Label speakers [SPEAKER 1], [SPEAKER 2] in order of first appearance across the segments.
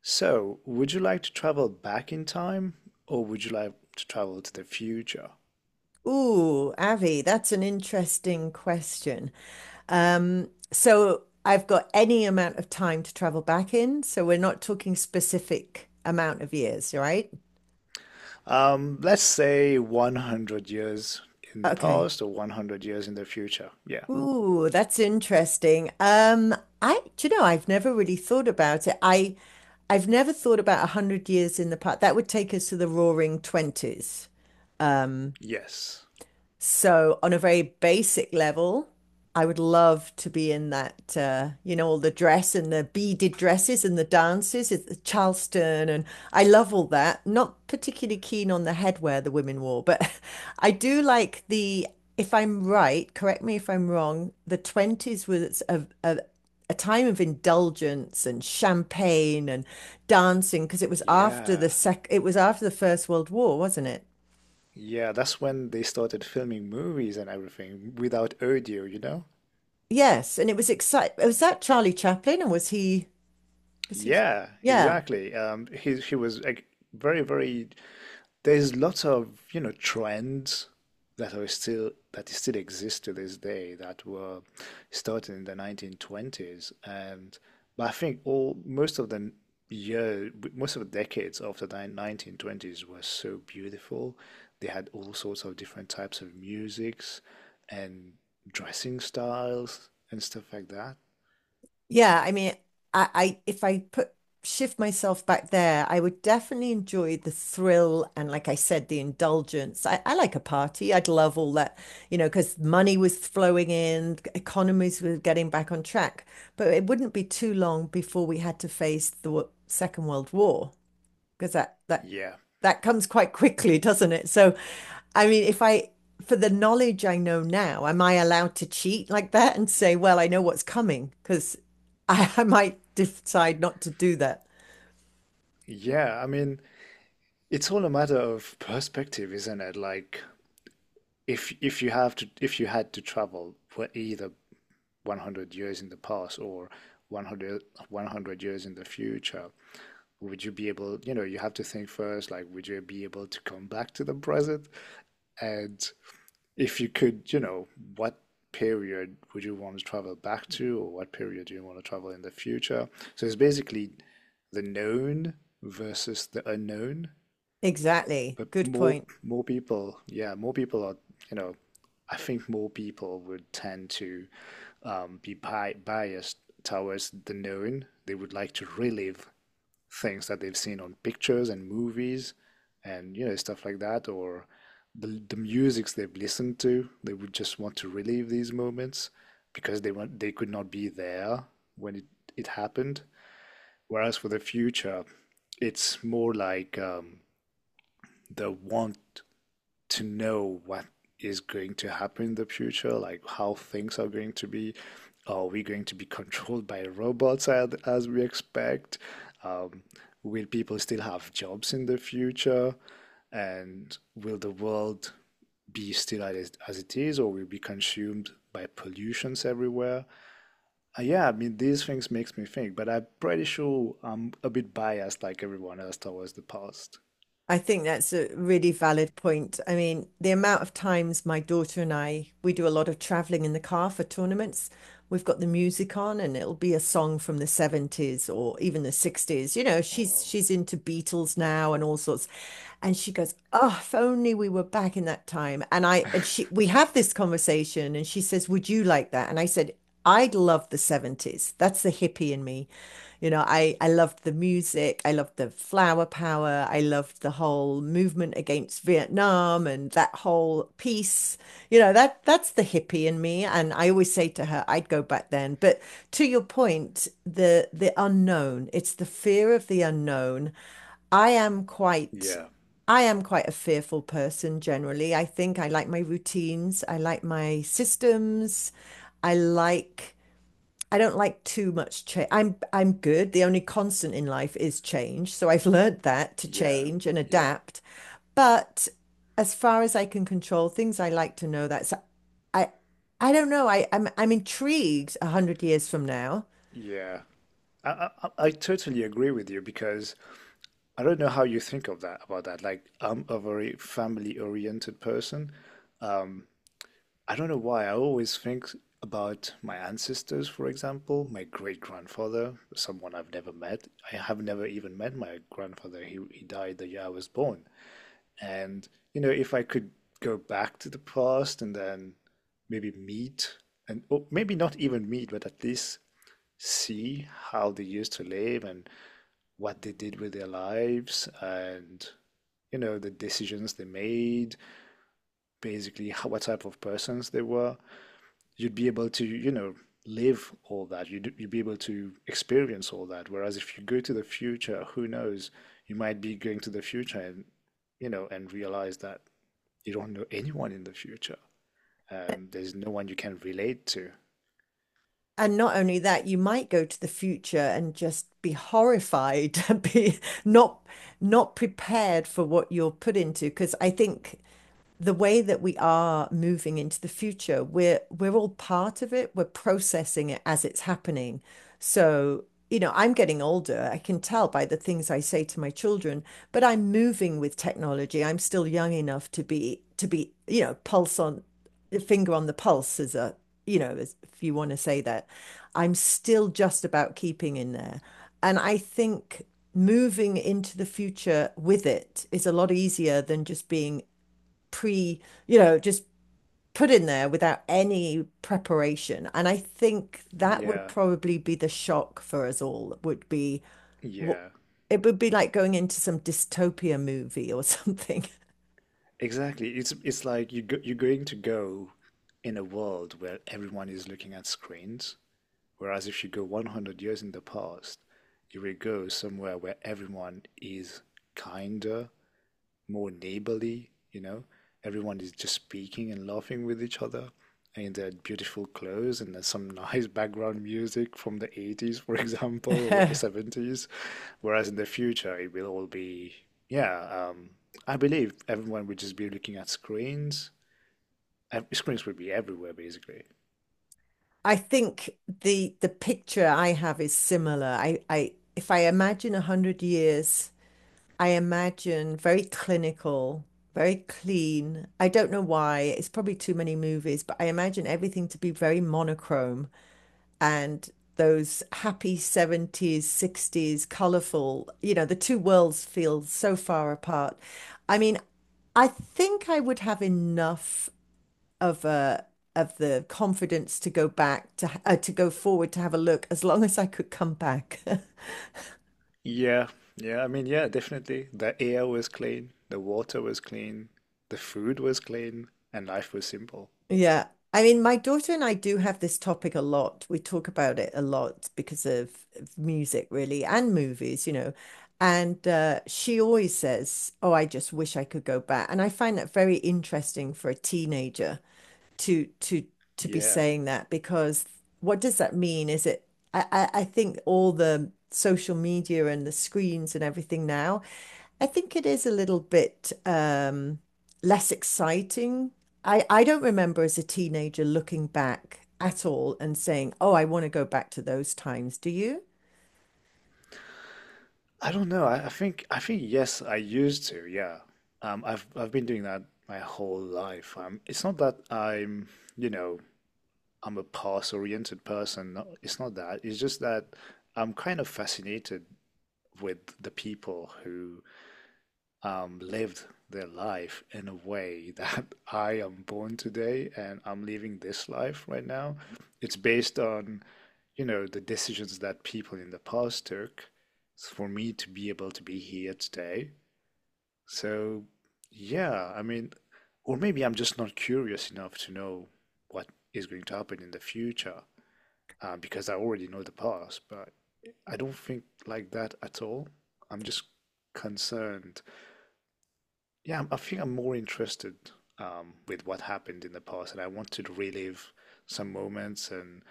[SPEAKER 1] So, would you like to travel back in time or would you like to travel to the future?
[SPEAKER 2] Ooh, Avi, that's an interesting question. So I've got any amount of time to travel back in, so we're not talking specific amount of years, right?
[SPEAKER 1] Let's say 100 years in the
[SPEAKER 2] Okay.
[SPEAKER 1] past or 100 years in the future. Yeah.
[SPEAKER 2] Ooh, that's interesting. Do you know, I've never really thought about it. I've never thought about 100 years in the past. That would take us to the Roaring Twenties. Um,
[SPEAKER 1] Yes.
[SPEAKER 2] So, on a very basic level, I would love to be in that, you know, all the dress and the beaded dresses and the dances, it's the Charleston, and I love all that. Not particularly keen on the headwear the women wore, but I do like if I'm right, correct me if I'm wrong, the 20s was a time of indulgence and champagne and dancing because it was after
[SPEAKER 1] Yeah.
[SPEAKER 2] it was after the First World War, wasn't it?
[SPEAKER 1] Yeah, that's when they started filming movies and everything without audio, you know?
[SPEAKER 2] Yes, and it was exciting. Was that Charlie Chaplin, or was he? Was he?
[SPEAKER 1] Yeah,
[SPEAKER 2] Yeah,
[SPEAKER 1] exactly. He was like very, very, there's lots of, you know, trends that still exist to this day that were started in the 1920s. And But I think all most of the year most of the decades of the 1920s were so beautiful. They had all sorts of different types of musics and dressing styles and stuff like that.
[SPEAKER 2] yeah. I mean, I if I put shift myself back there, I would definitely enjoy the thrill and, like I said, the indulgence. I like a party. I'd love all that, you know, because money was flowing in, economies were getting back on track. But it wouldn't be too long before we had to face Second World War, because that that
[SPEAKER 1] Yeah.
[SPEAKER 2] that comes quite quickly, doesn't it? So, I mean, if I for the knowledge I know now, am I allowed to cheat like that and say, well, I know what's coming? Because I might decide not to do that.
[SPEAKER 1] Yeah, I mean, it's all a matter of perspective, isn't it? Like, if you had to travel for either 100 years in the past or 100 years in the future, would you be able, you know, you have to think first, like, would you be able to come back to the present? And if you could, you know, what period would you want to travel back to, or what period do you want to travel in the future? So it's basically the known versus the unknown.
[SPEAKER 2] Exactly.
[SPEAKER 1] But
[SPEAKER 2] Good
[SPEAKER 1] more
[SPEAKER 2] point.
[SPEAKER 1] more people, yeah, more people are, you know, I think more people would tend to be bi biased towards the known. They would like to relive things that they've seen on pictures and movies and, you know, stuff like that, or the musics they've listened to. They would just want to relive these moments because they could not be there when it happened. Whereas for the future, it's more like, the want to know what is going to happen in the future, like how things are going to be. Are we going to be controlled by robots, as we expect? Um, will people still have jobs in the future? And will the world be still as it is, or will it be consumed by pollutions everywhere? Yeah, I mean, these things makes me think, but I'm pretty sure I'm a bit biased like everyone else towards the past.
[SPEAKER 2] I think that's a really valid point. I mean, the amount of times my daughter and I, we do a lot of traveling in the car for tournaments. We've got the music on and it'll be a song from the 70s or even the 60s. You know, she's
[SPEAKER 1] Wow.
[SPEAKER 2] she's into Beatles now and all sorts. And she goes, "Oh, if only we were back in that time." And I and she we have this conversation and she says, "Would you like that?" And I said, I love the 70s. That's the hippie in me. You know, I loved the music. I loved the flower power. I loved the whole movement against Vietnam and that whole peace. You know, that's the hippie in me. And I always say to her, I'd go back then. But to your point, the unknown, it's the fear of the unknown. I am quite
[SPEAKER 1] Yeah,
[SPEAKER 2] I am quite a fearful person generally. I think I like my routines. I like my systems. I like I don't like too much change. I'm good. The only constant in life is change. So I've learned that to
[SPEAKER 1] yeah,
[SPEAKER 2] change and
[SPEAKER 1] yeah,
[SPEAKER 2] adapt. But as far as I can control things, I like to know that. So I I don't know. I'm intrigued 100 years from now.
[SPEAKER 1] yeah. I totally agree with you. Because I don't know how you think of that, about that. Like, I'm a very family oriented person. Um, I don't know why, I always think about my ancestors. For example, my great grandfather, someone I've never met. I have never even met my grandfather. He died the year I was born. And, you know, if I could go back to the past and then maybe meet, and or maybe not even meet, but at least see how they used to live and what they did with their lives and, you know, the decisions they made, basically how, what type of persons they were, you'd be able to, you know, live all that. You'd be able to experience all that. Whereas if you go to the future, who knows? You might be going to the future and, you know, and realize that you don't know anyone in the future. There's no one you can relate to.
[SPEAKER 2] And not only that, you might go to the future and just be horrified, be not not prepared for what you're put into. Because I think the way that we are moving into the future, we're all part of it. We're processing it as it's happening. So, you know, I'm getting older. I can tell by the things I say to my children, but I'm moving with technology. I'm still young enough to be, you know, pulse on finger on the pulse as you know, as, if you want to say that. I'm still just about keeping in there. And I think moving into the future with it is a lot easier than just being pre, you know, just put in there without any preparation. And I think that would
[SPEAKER 1] Yeah,
[SPEAKER 2] probably be the shock for us all, would be what
[SPEAKER 1] yeah,
[SPEAKER 2] it would be like going into some dystopia movie or something.
[SPEAKER 1] exactly. It's like you go, you're going to go in a world where everyone is looking at screens. Whereas if you go 100 years in the past, you will go somewhere where everyone is kinder, more neighborly, you know. Everyone is just speaking and laughing with each other. And they had beautiful clothes and there's some nice background music from the 80s, for example, or 70s. Whereas in the future, it will all be, yeah, I believe everyone would just be looking at screens. Screens would be everywhere, basically.
[SPEAKER 2] I think the picture I have is similar. I if I imagine 100 years, I imagine very clinical, very clean. I don't know why. It's probably too many movies, but I imagine everything to be very monochrome. And those happy 70s, 60s, colorful, you know, the two worlds feel so far apart. I mean, I think I would have enough of a of the confidence to go back to go forward to have a look as long as I could come back.
[SPEAKER 1] Yeah, yeah, I mean, yeah, definitely. The air was clean, the water was clean, the food was clean, and life was simple.
[SPEAKER 2] Yeah. I mean, my daughter and I do have this topic a lot. We talk about it a lot because of music, really, and movies, you know. And she always says, "Oh, I just wish I could go back." And I find that very interesting for a teenager to to to be
[SPEAKER 1] Yeah.
[SPEAKER 2] saying that because what does that mean? Is it I think all the social media and the screens and everything now, I think it is a little bit less exciting. I don't remember as a teenager looking back at all and saying, "Oh, I want to go back to those times." Do you?
[SPEAKER 1] I don't know. I think yes, I used to. Yeah. Um, I've been doing that my whole life. It's not that I'm, you know, I'm a past-oriented person. No, it's not that. It's just that I'm kind of fascinated with the people who lived their life in a way that I am born today and I'm living this life right now. It's based on, you know, the decisions that people in the past took for me to be able to be here today. So, yeah, I mean, or maybe I'm just not curious enough to know what is going to happen in the future, because I already know the past, but I don't think like that at all. I'm just concerned. I think I'm more interested, with what happened in the past, and I want to relive some moments. And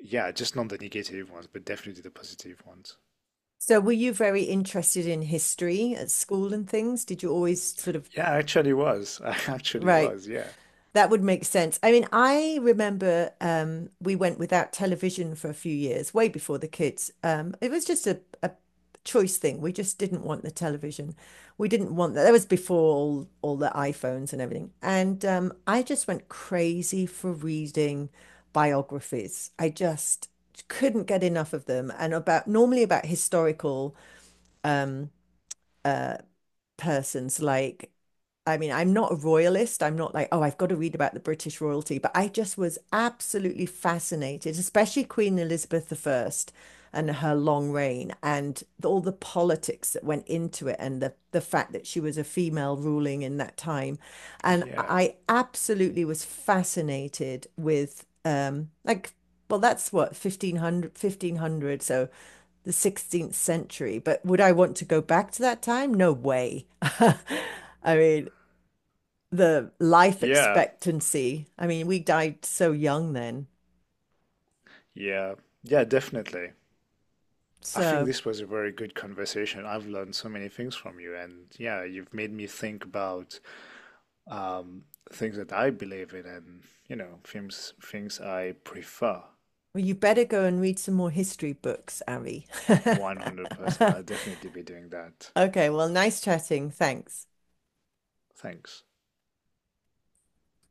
[SPEAKER 1] yeah, just not the negative ones, but definitely the positive ones.
[SPEAKER 2] So were you very interested in history at school and things? Did you always sort of
[SPEAKER 1] Yeah, I actually was. I actually
[SPEAKER 2] right?
[SPEAKER 1] was. Yeah.
[SPEAKER 2] That would make sense. I mean, I remember we went without television for a few years, way before the kids. It was just a choice thing. We just didn't want the television. We didn't want that. That was before all the iPhones and everything. And I just went crazy for reading biographies. I just couldn't get enough of them. And about normally about historical um, uh, persons like I mean, I'm not a royalist. I'm not like, oh, I've got to read about the British royalty, but I just was absolutely fascinated, especially Queen Elizabeth I and her long reign and all the politics that went into it and the fact that she was a female ruling in that time. And
[SPEAKER 1] Yeah.
[SPEAKER 2] I absolutely was fascinated with, like, well, that's what, 1500, 1500, so the 16th century. But would I want to go back to that time? No way. I mean, the life
[SPEAKER 1] Yeah.
[SPEAKER 2] expectancy. I mean, we died so young then.
[SPEAKER 1] Yeah, yeah, definitely. I think
[SPEAKER 2] So
[SPEAKER 1] this was a very good conversation. I've learned so many things from you, and yeah, you've made me think about um, things that I believe in, and you know, things I prefer.
[SPEAKER 2] well, you better go and read some more history books, Abby.
[SPEAKER 1] 100%. I'll definitely be doing that.
[SPEAKER 2] Okay, well, nice chatting. Thanks.
[SPEAKER 1] Thanks.